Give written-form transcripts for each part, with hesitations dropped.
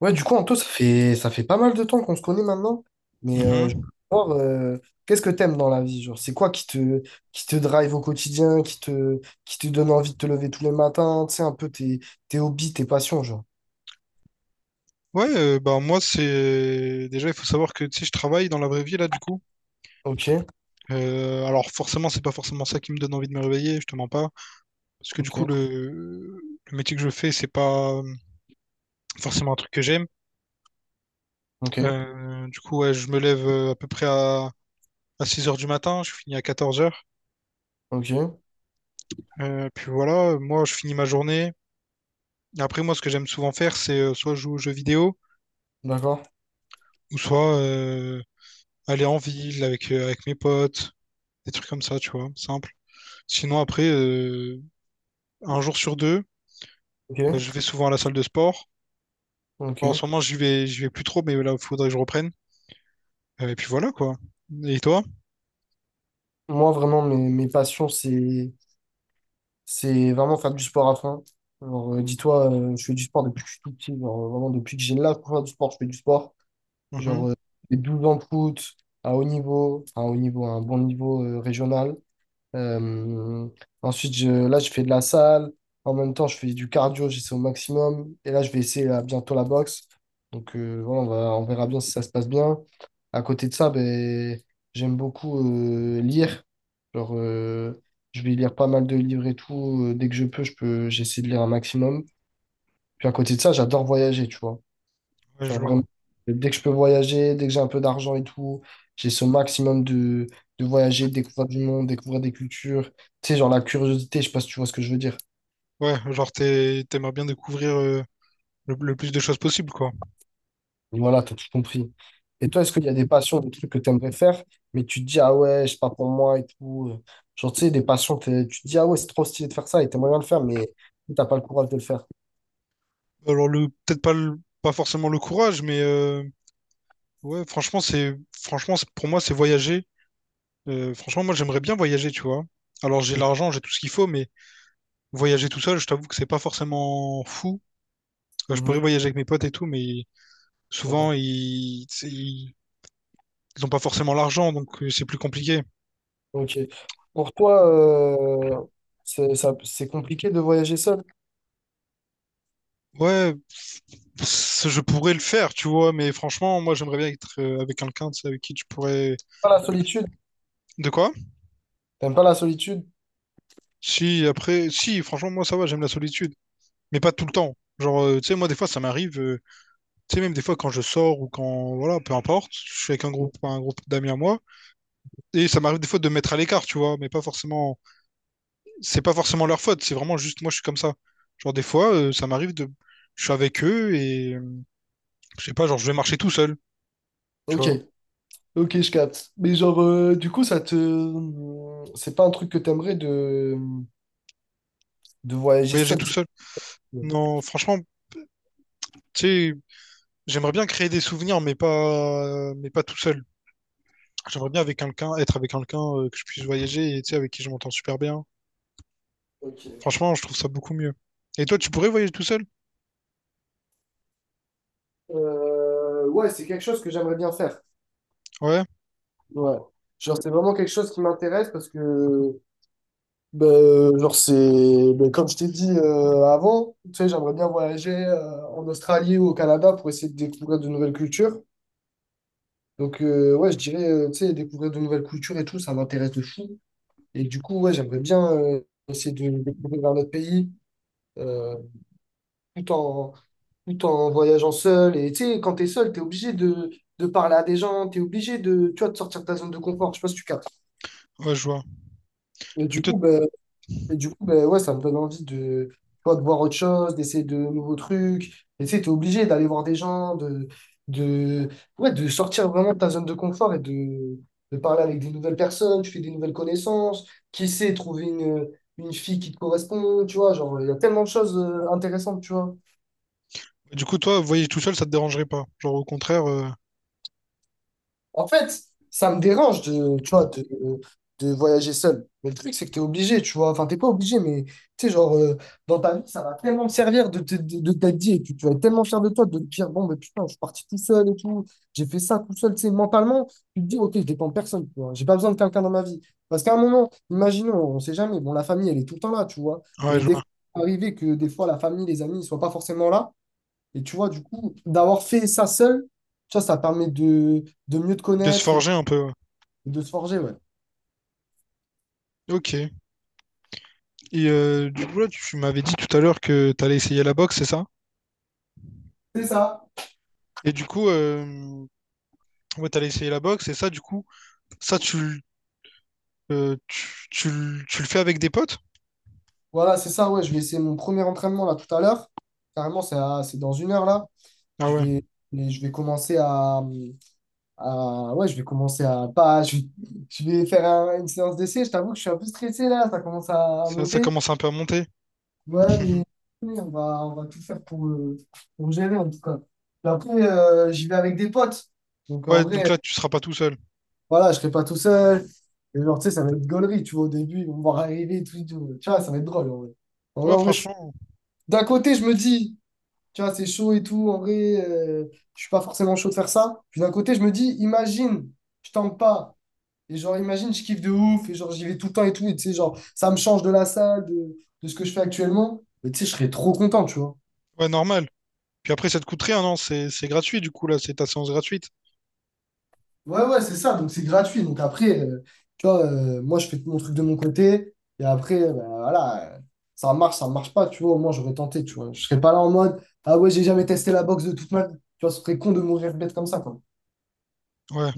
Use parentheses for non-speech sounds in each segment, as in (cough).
Ouais, du coup, Anto, ça fait pas mal de temps qu'on se connaît maintenant. Mais je veux Mhm. savoir, qu'est-ce que t'aimes dans la vie? Genre, c'est quoi qui te drive au quotidien, qui te donne envie de te lever tous les matins, tu sais, un peu tes hobbies, tes passions, genre. Ouais, bah moi c'est déjà il faut savoir que tu sais je travaille dans la vraie vie là du coup. Ok, Alors forcément c'est pas forcément ça qui me donne envie de me réveiller, je te mens pas, parce que du coup ok, le métier que je fais c'est pas forcément un truc que j'aime. ok, Du coup ouais, je me lève à peu près à 6 heures du matin, je finis à 14 heures. ok, Puis voilà, moi je finis ma journée. Et après moi ce que j'aime souvent faire c'est soit jouer aux jeux vidéo d'accord, ou soit aller en ville avec mes potes, des trucs comme ça tu vois, simple. Sinon, après, un jour sur deux, je ok, vais souvent à la salle de sport. Alors, en ok. ce moment, j'y vais plus trop, mais là, il faudrait que je reprenne. Et puis voilà, quoi. Et toi? Moi, vraiment, mes passions, c'est vraiment faire du sport à fond. Alors, dis-toi, je fais du sport depuis que je suis tout petit. Genre, vraiment, depuis que j'ai l'âge pour faire du sport, je fais du sport. Genre, Mhm. Les 12 ans de foot à haut niveau, à un bon niveau régional. Euh, ensuite, là, je fais de la salle. En même temps, je fais du cardio, j'essaie au maximum. Et là, je vais essayer là, bientôt la boxe. Donc, voilà, on verra bien si ça se passe bien. À côté de ça, ben, j'aime beaucoup lire. Genre, je vais lire pas mal de livres et tout. Dès que je peux, j'essaie de lire un maximum. Puis à côté de ça, j'adore voyager, tu vois. Ouais, je Genre vois. vraiment, dès que je peux voyager, dès que j'ai un peu d'argent et tout, j'ai ce maximum de voyager, de découvrir du monde, découvrir des cultures. Tu sais, genre la curiosité, je sais pas si tu vois ce que je veux dire. Ouais, t'aimerais bien découvrir le plus de choses possible, quoi. Mais voilà, t'as tout compris. Et toi, est-ce qu'il y a des passions, des trucs que tu aimerais faire, mais tu te dis, ah ouais, c'est pas pour moi et tout. Genre, tu sais, des passions, tu te dis, ah ouais, c'est trop stylé de faire ça et t'aimerais bien le faire, mais t'as pas le courage de le faire. Alors, peut-être pas, pas forcément le courage, mais ouais, pour moi, c'est voyager. Franchement, moi, j'aimerais bien voyager, tu vois. Alors, j'ai Donc, l'argent, j'ai tout ce qu'il faut, mais voyager tout seul, je t'avoue que c'est pas forcément fou. Je pourrais mhm, voyager avec mes potes et tout, mais souvent, d'accord. Tu sais, ils ont pas forcément l'argent, donc c'est plus compliqué. Ok. Pour toi, euh, c'est compliqué de voyager seul? Ouais, je pourrais le faire, tu vois, mais franchement, moi, j'aimerais bien être avec quelqu'un, tu sais, avec qui tu pourrais... Pas la avec- solitude? De quoi? T'aimes pas la solitude? Si, après, si, franchement, moi, ça va, j'aime la solitude, mais pas tout le temps. Genre, tu sais, moi, des fois, ça m'arrive. Tu sais, même des fois, quand je sors ou quand, voilà, peu importe, je suis avec un groupe d'amis à moi, et ça m'arrive des fois de me mettre à l'écart, tu vois, mais pas forcément, c'est pas forcément leur faute, c'est vraiment juste moi, je suis comme ça. Genre, des fois, je suis avec eux et je sais pas, genre, je vais marcher tout seul, tu Ok, vois, ok, je capte. Mais genre, du coup, ça te... C'est pas un truc que t'aimerais de voyager voyager seul, tu tout sais. seul. Non, franchement, tu sais, j'aimerais bien créer des souvenirs, mais pas tout seul. J'aimerais bien avec quelqu'un, Être avec quelqu'un que je puisse voyager et, tu sais, avec qui je m'entends super bien. Ok. Franchement, je trouve ça beaucoup mieux. Et toi, tu pourrais voyager tout seul? Ouais, c'est quelque chose que j'aimerais bien faire. Ouais, Ouais. Genre, c'est vraiment quelque chose qui m'intéresse parce que, ben, genre, c'est... ben, comme je t'ai dit avant, tu sais, j'aimerais bien voyager en Australie ou au Canada pour essayer de découvrir de nouvelles cultures. Donc, ouais, je dirais, tu sais, découvrir de nouvelles cultures et tout, ça m'intéresse de fou. Et du coup, ouais, j'aimerais bien essayer de découvrir notre pays euh, tout en, tout en voyageant seul. Et tu sais, quand t'es seul, t'es obligé de parler à des gens, t'es obligé de, tu vois, de sortir de ta zone de confort. Je sais pas si tu captes. ouais, je vois. Et Et du toi, coup, bah, Et du coup, ben ouais, ça me donne envie de, tu vois, de voir autre chose, d'essayer de nouveaux trucs. Et tu sais, t'es obligé d'aller voir des gens, de, ouais, de sortir vraiment de ta zone de confort et de parler avec des nouvelles personnes, tu fais des nouvelles connaissances. Qui sait, trouver une fille qui te correspond, tu vois, genre, il y a tellement de choses intéressantes, tu vois. Du coup, toi, voyager tout seul, ça te dérangerait pas. Genre, au contraire, En fait, ça me dérange de, tu vois, de voyager seul. Mais le truc, c'est que t'es obligé, tu vois. Enfin, t'es pas obligé, mais tu sais, genre, dans ta vie, ça va tellement te servir de t'être dit, et puis tu vas être tellement fier de toi de te dire, bon, mais putain, je suis parti tout seul et tout, j'ai fait ça tout seul, tu sais, mentalement, tu te dis, ok, je dépends de personne, tu vois. J'ai pas besoin de quelqu'un dans ma vie. Parce qu'à un moment, imaginons, on sait jamais, bon, la famille, elle est tout le temps là, tu vois. ouais, Mais je des vois. fois, il peut arriver que des fois, la famille, les amis, ils soient pas forcément là. Et tu vois, du coup, d'avoir fait ça seul, tu vois, ça permet de mieux te De se connaître et forger un peu. Ouais. de se forger, ouais. Ok. Et du coup, là, tu m'avais dit tout à l'heure que t'allais essayer la boxe, c'est ça? C'est ça. Et du coup, ouais, t'allais essayer la boxe, et ça, du coup, ça, tu, l- tu, tu l- tu le fais avec des potes? Voilà, c'est ça, ouais. Je vais essayer mon premier entraînement là tout à l'heure. Carrément, c'est dans 1 heure là. Ah Je ouais, vais, mais je vais commencer ouais, je vais commencer à. Pas, je vais faire une séance d'essai. Je t'avoue que je suis un peu stressé là. Ça commence à ça monter. commence un peu à monter. Ouais, mais (laughs) mais on va tout faire pour gérer en tout cas. Et après, j'y vais avec des potes. Donc en Ouais, donc vrai. là, tu seras pas tout seul. Voilà, je serai pas tout seul. Et genre, tu sais, ça va être gaulerie, tu vois, au début, ils vont me voir arriver, tout, et tout. Tu vois, ça va être drôle, en vrai. En vrai, Ouais, en vrai, franchement, d'un côté, je me dis, tu vois, c'est chaud et tout, en vrai, euh, je suis pas forcément chaud de faire ça. Puis d'un côté, je me dis, imagine, je tente pas. Et genre, imagine, je kiffe de ouf, et genre, j'y vais tout le temps et tout, et tu sais, genre, ça me change de la salle, de ce que je fais actuellement. Mais tu sais, je serais trop content, tu vois. ouais, normal. Puis après, ça te coûte rien, non? C'est gratuit, du coup, là, c'est ta séance gratuite. Ouais, ouais, c'est ça. Donc, c'est gratuit. Donc, après, tu vois, moi, je fais mon truc de mon côté. Et après, ben, voilà, ça marche pas. Tu vois, au moins, j'aurais tenté. Tu vois, je serais pas là en mode, ah ouais, j'ai jamais testé la boxe de toute ma vie. Tu vois, ce serait con de mourir bête comme ça, quoi. Ouais.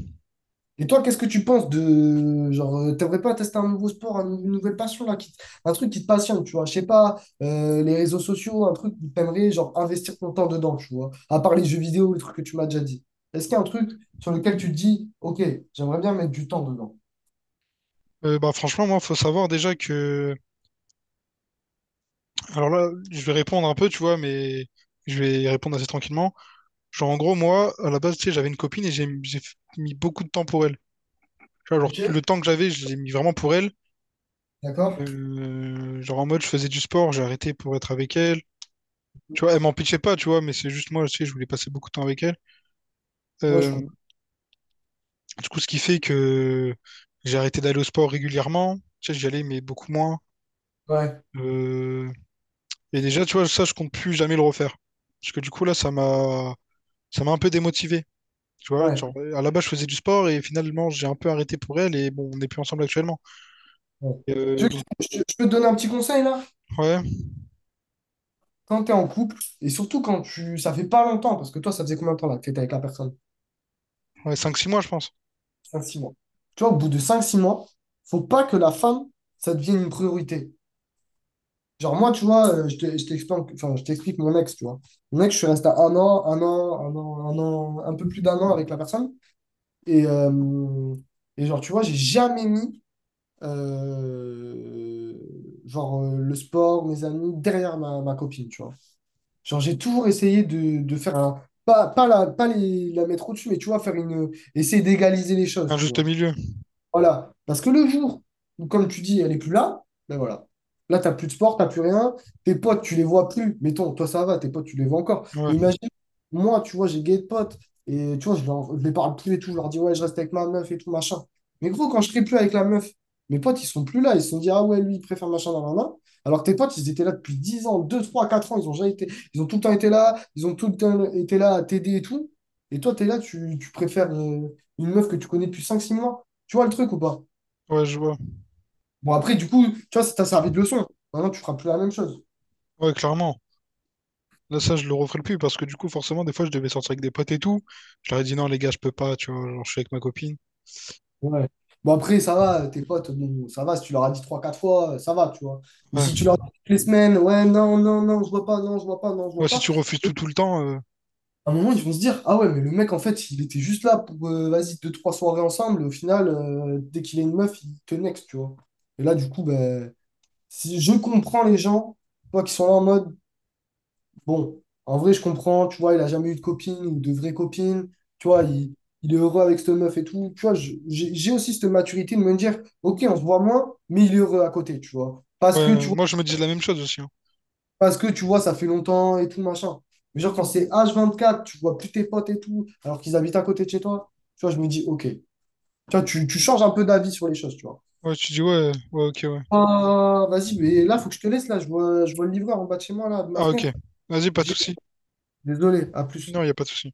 Et toi, qu'est-ce que tu penses de genre, t'aimerais pas tester un nouveau sport, une nouvelle passion là, qui un truc qui te passionne, tu vois, je sais pas, les réseaux sociaux, un truc où t'aimerais genre investir ton temps dedans, tu vois, à part les jeux vidéo, le truc que tu m'as déjà dit. Est-ce qu'il y a un truc sur lequel tu te dis, ok, j'aimerais bien mettre du temps dedans. Bah, franchement, moi, faut savoir déjà que. Alors là, je vais répondre un peu, tu vois, mais je vais y répondre assez tranquillement. Genre, en gros, moi, à la base, tu sais, j'avais une copine et mis beaucoup de temps pour elle. Tu vois, genre, Ok. le temps que j'avais, je l'ai mis vraiment pour elle. D'accord? Genre, en mode, je faisais du sport, j'ai arrêté pour être avec elle. Tu vois, elle m'en pitchait pas, tu vois, mais c'est juste moi, tu sais, je voulais passer beaucoup de temps avec elle. Ouais, je Euh, comprends. du coup, ce qui fait que j'ai arrêté d'aller au sport régulièrement. Tu sais, j'y allais, mais beaucoup moins. Ouais, Euh, Et déjà, tu vois, ça, je compte plus jamais le refaire. Parce que du coup, là, ça m'a un peu démotivé. Tu vois, ouais, genre, à la base, je faisais du sport et finalement, j'ai un peu arrêté pour elle et bon, on n'est plus ensemble actuellement. ouais. Tu veux que Donc, je peux te donner un petit conseil là? ouais, Quand tu es en couple, et surtout quand tu, ça fait pas longtemps, parce que toi, ça faisait combien de temps là que tu avec la personne? ouais 5-6 mois, je pense. Cinq six mois. Tu vois, au bout de cinq six mois, faut pas que la femme, ça devienne une priorité. Genre, moi, tu vois, je t'explique, enfin, je t'explique mon ex, tu vois. Mon ex, je suis resté à un peu plus d'un an avec la personne. Et, euh, et genre, tu vois, j'ai jamais mis, euh, genre, le sport, mes amis, derrière ma copine, tu vois. Genre, j'ai toujours essayé de faire un, pas, pas, la, pas les, la mettre au-dessus, mais tu vois, essayer d'égaliser les choses, Un tu juste vois. milieu. Voilà. Parce que le jour où, comme tu dis, elle n'est plus là, ben voilà. Là, tu n'as plus de sport, tu n'as plus rien. Tes potes, tu les vois plus. Mettons, toi, ça va, tes potes, tu les vois encore. Mais Ouais, imagine, moi, tu vois, j'ai gay de potes. Et tu vois, je les parle plus et tout. Je leur dis, ouais, je reste avec ma meuf et tout, machin. Mais gros, quand je serai plus avec la meuf, mes potes, ils sont plus là. Ils se sont dit, ah ouais, lui, il préfère machin dans la main. Alors que tes potes, ils étaient là depuis 10 ans, 2 3 4 ans. Ils ont jamais été, ils ont tout le temps été là. Ils ont tout le temps été là à t'aider et tout. Et toi, tu es là, tu préfères une meuf que tu connais depuis cinq six mois. Tu vois le truc ou pas? ouais, je vois. Bon, après, du coup, tu vois, ça t'a servi de leçon. Maintenant, tu feras plus la même chose. Ouais, clairement. Là, ça, je le referai plus parce que du coup, forcément, des fois, je devais sortir avec des potes et tout. Je leur ai dit non, les gars, je peux pas, tu vois, genre, je suis avec ma copine. Ouais. Bon, après, ça va, tes potes, bon, ça va, si tu leur as dit trois quatre fois, ça va, tu vois. Mais si tu Ouais. leur dis toutes les semaines, ouais, non, non, non, je vois pas, non, je vois pas, non, je Ouais, vois si pas, tu refuses tout tout le temps, à un moment, ils vont se dire, ah ouais, mais le mec, en fait, il était juste là pour, vas-y, deux, trois soirées ensemble, au final, dès qu'il a une meuf, il te next, tu vois. Et là, du coup, ben, si je comprends les gens, toi, qui sont là en mode, bon, en vrai, je comprends, tu vois, il a jamais eu de copine ou de vraie copine, tu vois, il est heureux avec cette meuf et tout. Tu vois, j'ai aussi cette maturité de me dire, ok, on se voit moins, mais il est heureux à côté, tu vois. ouais, Parce que tu vois, moi, je me disais la même chose aussi, hein. Ça fait longtemps et tout, machin. Mais genre, quand c'est H24, tu vois plus tes potes et tout, alors qu'ils habitent à côté de chez toi, tu vois, je me dis, ok. Tu vois, tu changes un peu d'avis sur les choses, tu vois. Ouais, tu dis ouais, ouais, ok, ouais. Ah, vas-y, mais là, faut que je te laisse, là, je vois, le livreur en bas de chez moi, là, de ma Ah, ok. fenêtre. Vas-y, pas de J'ai- souci. Désolé, à plus. Non, il a pas de souci.